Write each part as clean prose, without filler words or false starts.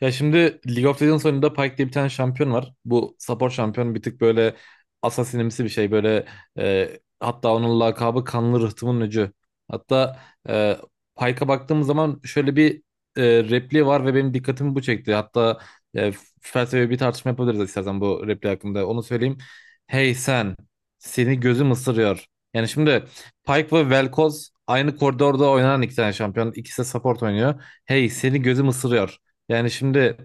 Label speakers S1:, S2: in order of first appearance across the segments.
S1: Ya şimdi League of Legends oyununda Pyke diye bir tane şampiyon var. Bu support şampiyon bir tık böyle asasinimsi bir şey. Böyle hatta onun lakabı Kanlı Rıhtımın Öcü. Hatta e, Pyke'a baktığımız zaman şöyle bir repliği var ve benim dikkatimi bu çekti. Hatta e, felsefi bir tartışma yapabiliriz istersen bu repliği hakkında. Onu söyleyeyim. Hey sen, seni gözüm ısırıyor. Yani şimdi Pyke ve Vel'Koz aynı koridorda oynanan iki tane şampiyon. İkisi de support oynuyor. Hey seni gözüm ısırıyor. Yani şimdi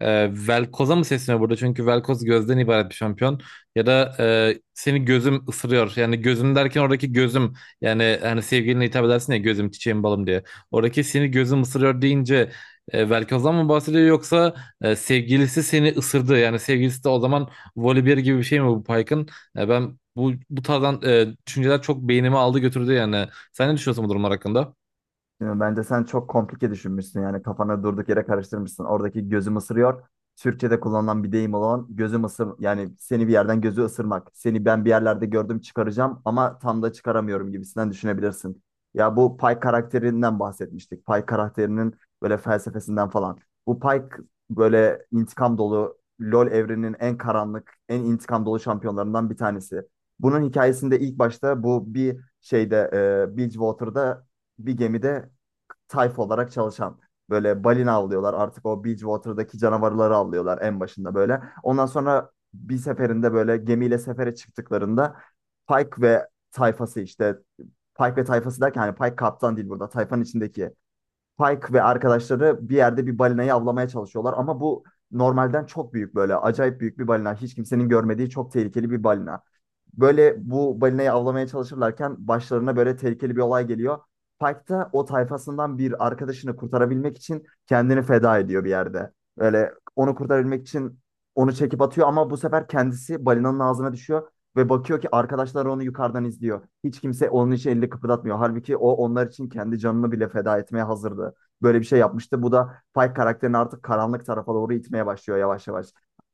S1: Velkoz'a mı sesleniyor burada? Çünkü Velkoz gözden ibaret bir şampiyon. Ya da seni gözüm ısırıyor. Yani gözüm derken oradaki gözüm. Yani hani sevgiline hitap edersin ya gözüm çiçeğim balım diye. Oradaki seni gözüm ısırıyor deyince Velkoz'dan mı bahsediyor yoksa sevgilisi seni ısırdı. Yani sevgilisi de o zaman volibear gibi bir şey mi bu Pike'ın? Ben bu tarzdan düşünceler çok beynimi aldı götürdü yani. Sen ne düşünüyorsun bu durumlar hakkında?
S2: Değil mi? Bence sen çok komplike düşünmüşsün, yani kafana durduk yere karıştırmışsın. Oradaki gözüm ısırıyor. Türkçe'de kullanılan bir deyim olan gözüm ısır, yani seni bir yerden gözü ısırmak. Seni ben bir yerlerde gördüm, çıkaracağım ama tam da çıkaramıyorum gibisinden düşünebilirsin. Ya, bu Pay karakterinden bahsetmiştik. Pay karakterinin böyle felsefesinden falan. Bu Pay k- Böyle intikam dolu LoL evreninin en karanlık, en intikam dolu şampiyonlarından bir tanesi. Bunun hikayesinde ilk başta bu Bridgewater'da bir gemide tayfa olarak çalışan. Böyle balina avlıyorlar. Artık o Bridgewater'daki canavarları avlıyorlar en başında böyle. Ondan sonra bir seferinde böyle gemiyle sefere çıktıklarında Pike ve tayfası, Pike ve tayfası derken hani Pike kaptan değil burada. Tayfanın içindeki Pike ve arkadaşları bir yerde bir balinayı avlamaya çalışıyorlar ama bu normalden çok büyük, böyle acayip büyük bir balina. Hiç kimsenin görmediği çok tehlikeli bir balina. Böyle bu balinayı avlamaya çalışırlarken başlarına böyle tehlikeli bir olay geliyor. Pike da o tayfasından bir arkadaşını kurtarabilmek için kendini feda ediyor bir yerde. Böyle onu kurtarabilmek için onu çekip atıyor ama bu sefer kendisi balinanın ağzına düşüyor ve bakıyor ki arkadaşlar onu yukarıdan izliyor. Hiç kimse onun için elini kıpırdatmıyor. Halbuki o onlar için kendi canını bile feda etmeye hazırdı. Böyle bir şey yapmıştı. Bu da Pike karakterini artık karanlık tarafa doğru itmeye başlıyor yavaş yavaş.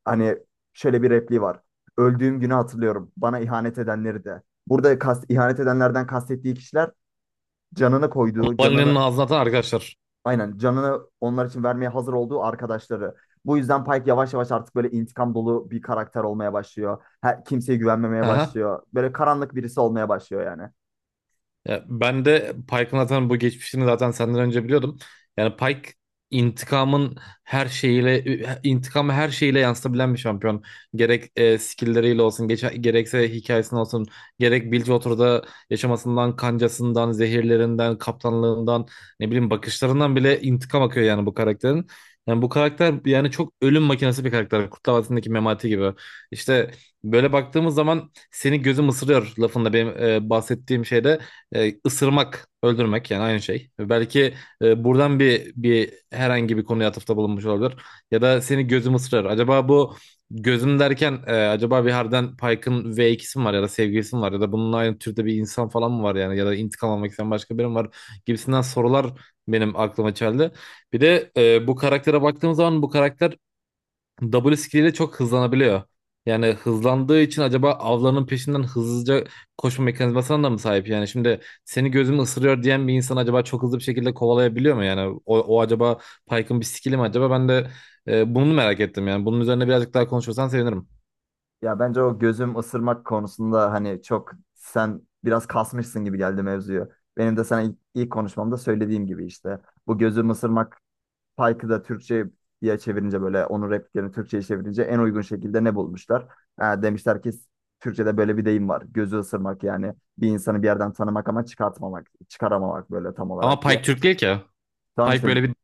S2: Hani şöyle bir repliği var. Öldüğüm günü hatırlıyorum. Bana ihanet edenleri de. Burada ihanet edenlerden kastettiği kişiler canını koyduğu,
S1: Valinin
S2: canını
S1: ağzına atan arkadaşlar.
S2: aynen canını onlar için vermeye hazır olduğu arkadaşları. Bu yüzden Pike yavaş yavaş artık böyle intikam dolu bir karakter olmaya başlıyor. Kimseye güvenmemeye
S1: Aha.
S2: başlıyor. Böyle karanlık birisi olmaya başlıyor yani.
S1: Ya ben de Pike'ın zaten bu geçmişini zaten senden önce biliyordum. Yani Pike intikamın her şeyiyle intikamı her şeyiyle yansıtabilen bir şampiyon. Gerek skill'leriyle olsun, gerekse hikayesine olsun, gerek Bilgewater'da yaşamasından, kancasından, zehirlerinden, kaptanlığından, ne bileyim bakışlarından bile intikam akıyor yani bu karakterin. Yani bu karakter yani çok ölüm makinesi bir karakter. Kurtlar Vadisi'ndeki Memati gibi. İşte böyle baktığımız zaman seni gözüm ısırıyor lafında benim bahsettiğim şeyde ısırmak, öldürmek yani aynı şey. Belki buradan bir herhangi bir konuya atıfta bulunmuş olabilir. Ya da seni gözüm ısırır. Acaba bu gözüm derken acaba bir Harden Pike'ın V2'si mi var ya da sevgilisi mi var ya da bunun aynı türde bir insan falan mı var yani ya da intikam almak isteyen başka biri mi var gibisinden sorular benim aklıma geldi. Bir de bu karaktere baktığım zaman bu karakter W skilliyle çok hızlanabiliyor. Yani hızlandığı için acaba avlarının peşinden hızlıca koşma mekanizmasına da mı sahip? Yani şimdi seni gözüm ısırıyor diyen bir insan acaba çok hızlı bir şekilde kovalayabiliyor mu? Yani o acaba Pike'ın bir skill'i mi acaba? Ben de bunu merak ettim yani. Bunun üzerine birazcık daha konuşursan sevinirim.
S2: Ya bence o gözüm ısırmak konusunda hani çok sen biraz kasmışsın gibi geldi mevzuyu. Benim de sana ilk konuşmamda söylediğim gibi işte. Bu gözüm ısırmak Pike'ı da Türkçe'ye çevirince, böyle onun repliklerini Türkçe'ye çevirince en uygun şekilde ne bulmuşlar? Ha, demişler ki Türkçe'de böyle bir deyim var. Gözü ısırmak, yani bir insanı bir yerden tanımak ama çıkartmamak, çıkaramamak böyle tam
S1: Ama
S2: olarak diye.
S1: Pike Türk değil ki.
S2: Tamam
S1: Pike
S2: işte,
S1: böyle bir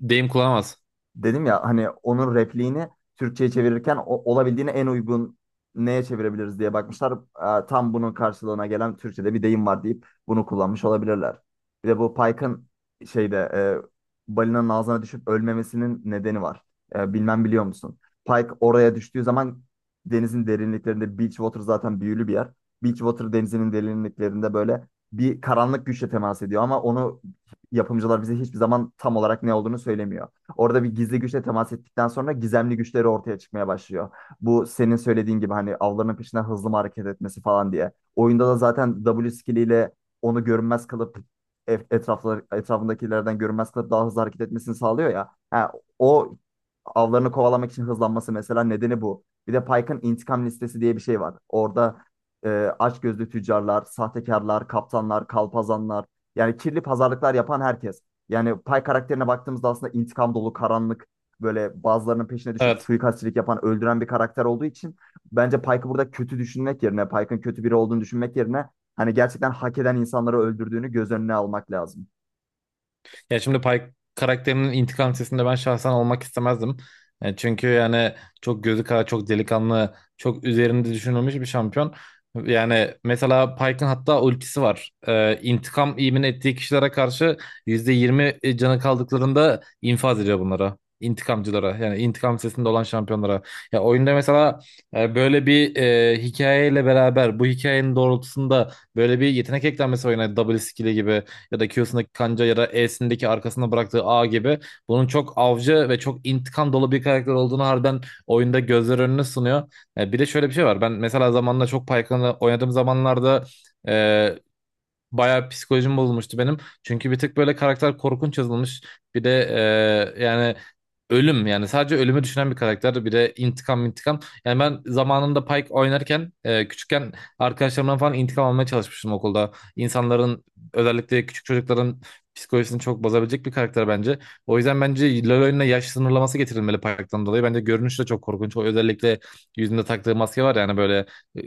S1: deyim kullanamaz.
S2: dedim ya hani onun repliğini Türkçe'ye çevirirken olabildiğine en uygun neye çevirebiliriz diye bakmışlar. Tam bunun karşılığına gelen Türkçe'de bir deyim var deyip bunu kullanmış olabilirler. Bir de bu Pike'ın balinanın ağzına düşüp ölmemesinin nedeni var. Bilmem biliyor musun? Pike oraya düştüğü zaman denizin derinliklerinde Beachwater zaten büyülü bir yer. Beachwater denizinin derinliklerinde böyle bir karanlık güçle temas ediyor ama onu yapımcılar bize hiçbir zaman tam olarak ne olduğunu söylemiyor. Orada bir gizli güçle temas ettikten sonra gizemli güçleri ortaya çıkmaya başlıyor. Bu senin söylediğin gibi hani avlarının peşinden hızlı mı hareket etmesi falan diye. Oyunda da zaten W skilliyle onu görünmez kılıp etrafındakilerden görünmez kılıp daha hızlı hareket etmesini sağlıyor ya. Ha, o avlarını kovalamak için hızlanması mesela nedeni bu. Bir de Pike'ın intikam listesi diye bir şey var. Orada e, açgözlü tüccarlar, sahtekarlar, kaptanlar, kalpazanlar, yani kirli pazarlıklar yapan herkes, yani Pay karakterine baktığımızda aslında intikam dolu, karanlık, böyle bazılarının peşine düşüp
S1: Evet.
S2: suikastçilik yapan, öldüren bir karakter olduğu için bence Pike'ı burada kötü düşünmek yerine, Pike'ın kötü biri olduğunu düşünmek yerine hani gerçekten hak eden insanları öldürdüğünü göz önüne almak lazım.
S1: Ya şimdi Pike karakterinin intikam sesinde ben şahsen olmak istemezdim. Çünkü yani çok gözü kara, çok delikanlı, çok üzerinde düşünülmüş bir şampiyon. Yani mesela Pike'ın hatta ultisi var. İntikam imin ettiği kişilere karşı %20 canı kaldıklarında infaz ediyor bunlara. İntikamcılara yani intikam sesinde olan şampiyonlara. Ya oyunda mesela böyle bir hikayeyle beraber bu hikayenin doğrultusunda böyle bir yetenek eklenmesi oyuna double skill'i gibi ya da Q'sundaki kanca ya da E'sindeki arkasında bıraktığı A gibi bunun çok avcı ve çok intikam dolu bir karakter olduğunu harbiden oyunda gözler önüne sunuyor. Bir de şöyle bir şey var. Ben mesela zamanla çok Pyke'ını oynadığım zamanlarda e, Bayağı psikolojim bozulmuştu benim. Çünkü bir tık böyle karakter korkunç yazılmış. Bir de yani ölüm yani sadece ölümü düşünen bir karakter. Bir de intikam intikam. Yani ben zamanında Pike oynarken küçükken arkadaşlarımdan falan intikam almaya çalışmıştım okulda. İnsanların özellikle küçük çocukların psikolojisini çok bozabilecek bir karakter bence. O yüzden bence LoL oyununa yaş sınırlaması getirilmeli Pike'tan dolayı. Bence görünüş de çok korkunç. O özellikle yüzünde taktığı maske var yani böyle e,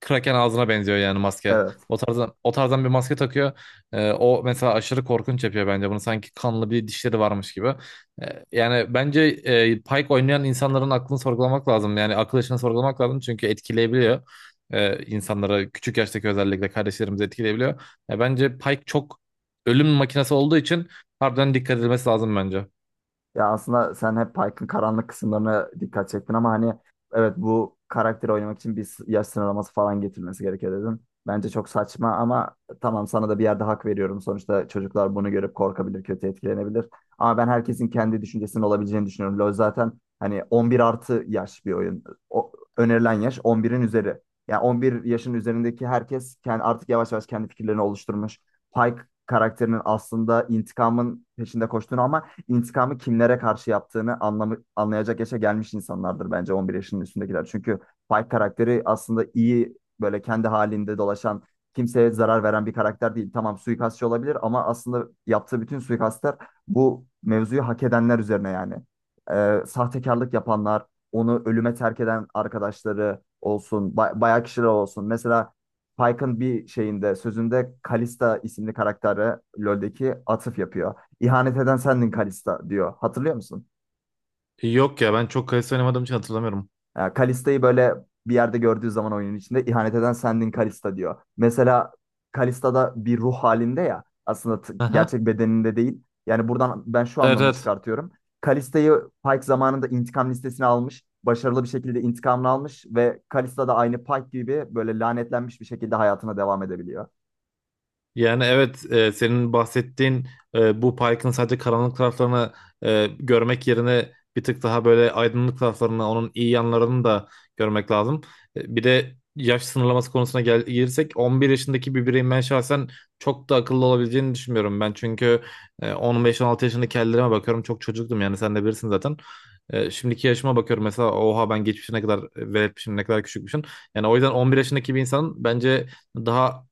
S1: Kraken ağzına benziyor yani maske.
S2: Evet.
S1: O tarzdan bir maske takıyor. O mesela aşırı korkunç yapıyor bence bunu. Sanki kanlı bir dişleri varmış gibi. Yani bence Pike oynayan insanların aklını sorgulamak lazım. Yani akıl yaşını sorgulamak lazım. Çünkü etkileyebiliyor. İnsanları küçük yaştaki özellikle kardeşlerimizi etkileyebiliyor. Ya bence Pike çok ölüm makinesi olduğu için harbiden dikkat edilmesi lazım bence.
S2: Ya aslında sen hep Pike'ın karanlık kısımlarına dikkat çektin ama hani evet, bu karakteri oynamak için yaş sınırlaması falan getirilmesi gerekiyor dedin. Bence çok saçma ama tamam, sana da bir yerde hak veriyorum. Sonuçta çocuklar bunu görüp korkabilir, kötü etkilenebilir. Ama ben herkesin kendi düşüncesinin olabileceğini düşünüyorum. LoL zaten hani 11 artı yaş bir oyun. O, Önerilen yaş 11'in üzeri. Yani 11 yaşın üzerindeki herkes kendi, artık yavaş yavaş kendi fikirlerini oluşturmuş. Pike karakterinin aslında intikamın peşinde koştuğunu ama intikamı kimlere karşı yaptığını anlayacak yaşa gelmiş insanlardır bence 11 yaşının üstündekiler. Çünkü Pike karakteri aslında iyi, böyle kendi halinde dolaşan, kimseye zarar veren bir karakter değil. Tamam, suikastçı olabilir ama aslında yaptığı bütün suikastlar bu mevzuyu hak edenler üzerine yani. Sahtekarlık yapanlar, onu ölüme terk eden arkadaşları olsun, bayağı kişiler olsun. Mesela Pike'ın bir şeyinde, sözünde Kalista isimli karakteri LoL'deki atıf yapıyor. İhanet eden sendin Kalista diyor. Hatırlıyor musun?
S1: Yok ya ben çok kayısı oynamadığım için hatırlamıyorum.
S2: Yani Kalista'yı böyle bir yerde gördüğü zaman oyunun içinde ihanet eden sendin Kalista diyor. Mesela Kalista da bir ruh halinde ya, aslında
S1: Aha.
S2: gerçek bedeninde değil. Yani buradan ben şu
S1: Evet,
S2: anlamı
S1: evet.
S2: çıkartıyorum. Kalista'yı Pike zamanında intikam listesine almış. Başarılı bir şekilde intikamını almış ve Kalista da aynı Pike gibi böyle lanetlenmiş bir şekilde hayatına devam edebiliyor.
S1: Yani evet senin bahsettiğin bu parkın sadece karanlık taraflarını görmek yerine bir tık daha böyle aydınlık taraflarını, onun iyi yanlarını da görmek lazım. Bir de yaş sınırlaması konusuna gelirsek 11 yaşındaki bir bireyin ben şahsen çok da akıllı olabileceğini düşünmüyorum ben. Çünkü 15-16 yaşındaki hallerime bakıyorum çok çocuktum yani sen de bilirsin zaten. Şimdiki yaşıma bakıyorum mesela oha ben geçmişe ne kadar veretmişim ne kadar küçükmüşüm. Yani o yüzden 11 yaşındaki bir insan bence daha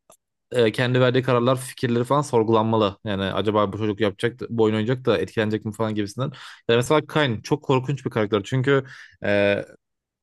S1: kendi verdiği kararlar, fikirleri falan sorgulanmalı. Yani acaba bu çocuk bu oyun oynayacak da etkilenecek mi falan gibisinden. Yani mesela Kain çok korkunç bir karakter. Çünkü e,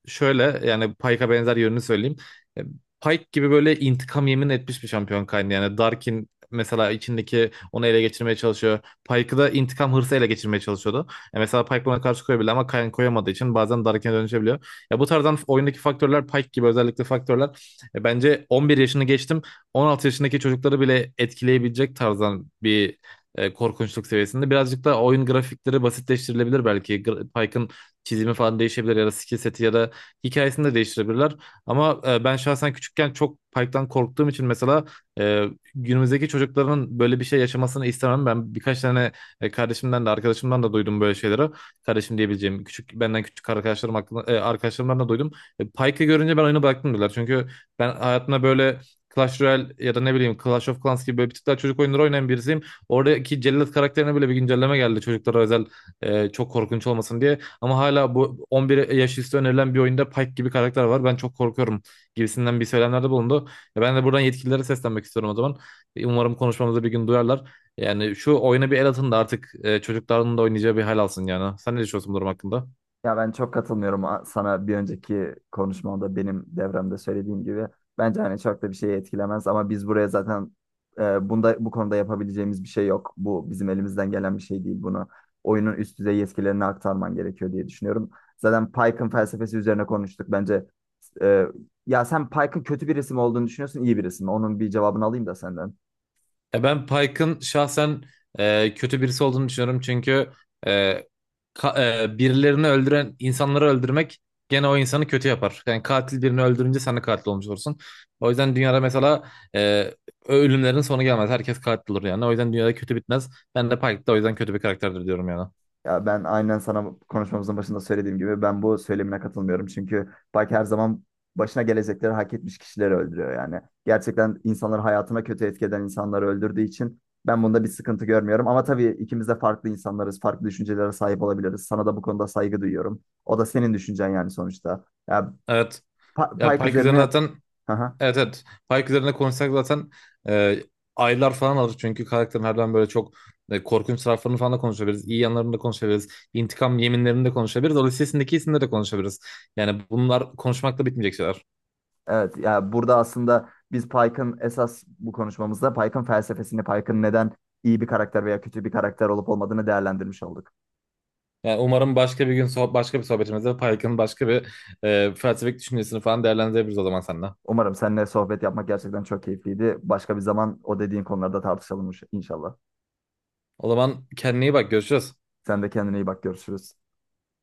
S1: şöyle yani Pike'a benzer yönünü söyleyeyim. E, Pike gibi böyle intikam yemin etmiş bir şampiyon kaynağı. Yani Darkin mesela içindeki onu ele geçirmeye çalışıyor. Pike'ı da intikam hırsı ele geçirmeye çalışıyordu. Mesela Pike buna karşı koyabilir ama Kayn koyamadığı için bazen Darkin'e dönüşebiliyor. Ya bu tarzdan oyundaki faktörler Pike gibi özellikle faktörler bence 11 yaşını geçtim 16 yaşındaki çocukları bile etkileyebilecek tarzdan bir korkunçluk seviyesinde. Birazcık da oyun grafikleri basitleştirilebilir belki. Pike'ın çizimi falan değişebilir ya da skill seti ya da hikayesini de değiştirebilirler. Ama ben şahsen küçükken çok Pike'dan korktuğum için mesela e, günümüzdeki çocukların böyle bir şey yaşamasını istemem. Ben birkaç tane kardeşimden de arkadaşımdan da duydum böyle şeyleri. Kardeşim diyebileceğim küçük benden küçük arkadaşlarım hakkında, arkadaşlarımdan da duydum. Pike'ı görünce ben oyunu bıraktım diyorlar. Çünkü ben hayatımda böyle Clash Royale ya da ne bileyim Clash of Clans gibi böyle bir tık daha çocuk oyunları oynayan birisiyim. Oradaki Cellat karakterine bile bir güncelleme geldi çocuklara özel çok korkunç olmasın diye. Ama hala bu 11 yaş üstü önerilen bir oyunda Pike gibi karakter var. Ben çok korkuyorum gibisinden bir söylemlerde bulundu. Ya ben de buradan yetkililere seslenmek istiyorum o zaman. Umarım konuşmamızı bir gün duyarlar. Yani şu oyuna bir el atın da artık çocukların da oynayacağı bir hal alsın yani. Sen ne düşünüyorsun bu durum hakkında?
S2: Ya ben çok katılmıyorum sana bir önceki konuşmamda benim devremde söylediğim gibi. Bence hani çok da bir şey etkilemez ama biz buraya zaten bunda, bu konuda yapabileceğimiz bir şey yok. Bu bizim elimizden gelen bir şey değil bunu. Oyunun üst düzey yetkilerini aktarman gerekiyor diye düşünüyorum. Zaten Pike'ın felsefesi üzerine konuştuk. E, Ya sen Pike'ın kötü bir isim olduğunu düşünüyorsun, iyi bir isim. Onun bir cevabını alayım da senden.
S1: Ben Pike'ın şahsen kötü birisi olduğunu düşünüyorum. Çünkü e, birilerini öldüren insanları öldürmek gene o insanı kötü yapar. Yani katil birini öldürünce sen de katil olmuş olursun. O yüzden dünyada mesela ölümlerin sonu gelmez. Herkes katil olur yani. O yüzden dünyada kötü bitmez. Ben de Pike de o yüzden kötü bir karakterdir diyorum yani.
S2: Ya ben aynen sana konuşmamızın başında söylediğim gibi ben bu söylemine katılmıyorum. Çünkü Baki her zaman başına gelecekleri hak etmiş kişileri öldürüyor yani. Gerçekten insanları hayatına kötü etki eden insanları öldürdüğü için ben bunda bir sıkıntı görmüyorum. Ama tabii ikimiz de farklı insanlarız, farklı düşüncelere sahip olabiliriz. Sana da bu konuda saygı duyuyorum. O da senin düşüncen yani sonuçta. Ya
S1: Evet. Ya
S2: Pike
S1: Pike üzerine
S2: üzerine...
S1: zaten. Evet, evet. Pike üzerine konuşsak zaten e, aylar falan alır. Çünkü karakterin harbiden böyle çok korkunç taraflarını falan da konuşabiliriz. İyi yanlarını da konuşabiliriz. İntikam yeminlerini de konuşabiliriz. O listesindeki isimleri de konuşabiliriz. Yani bunlar konuşmakla bitmeyecek şeyler.
S2: Evet ya, burada aslında biz Pike'ın, esas bu konuşmamızda Pike'ın felsefesini, Pike'ın neden iyi bir karakter veya kötü bir karakter olup olmadığını değerlendirmiş olduk.
S1: Yani umarım başka bir gün başka bir sohbetimizde Pike'ın başka bir felsefik düşüncesini falan değerlendirebiliriz o zaman seninle.
S2: Umarım seninle sohbet yapmak gerçekten çok keyifliydi. Başka bir zaman o dediğin konularda tartışalım inşallah.
S1: O zaman kendine iyi bak. Görüşürüz.
S2: Sen de kendine iyi bak, görüşürüz.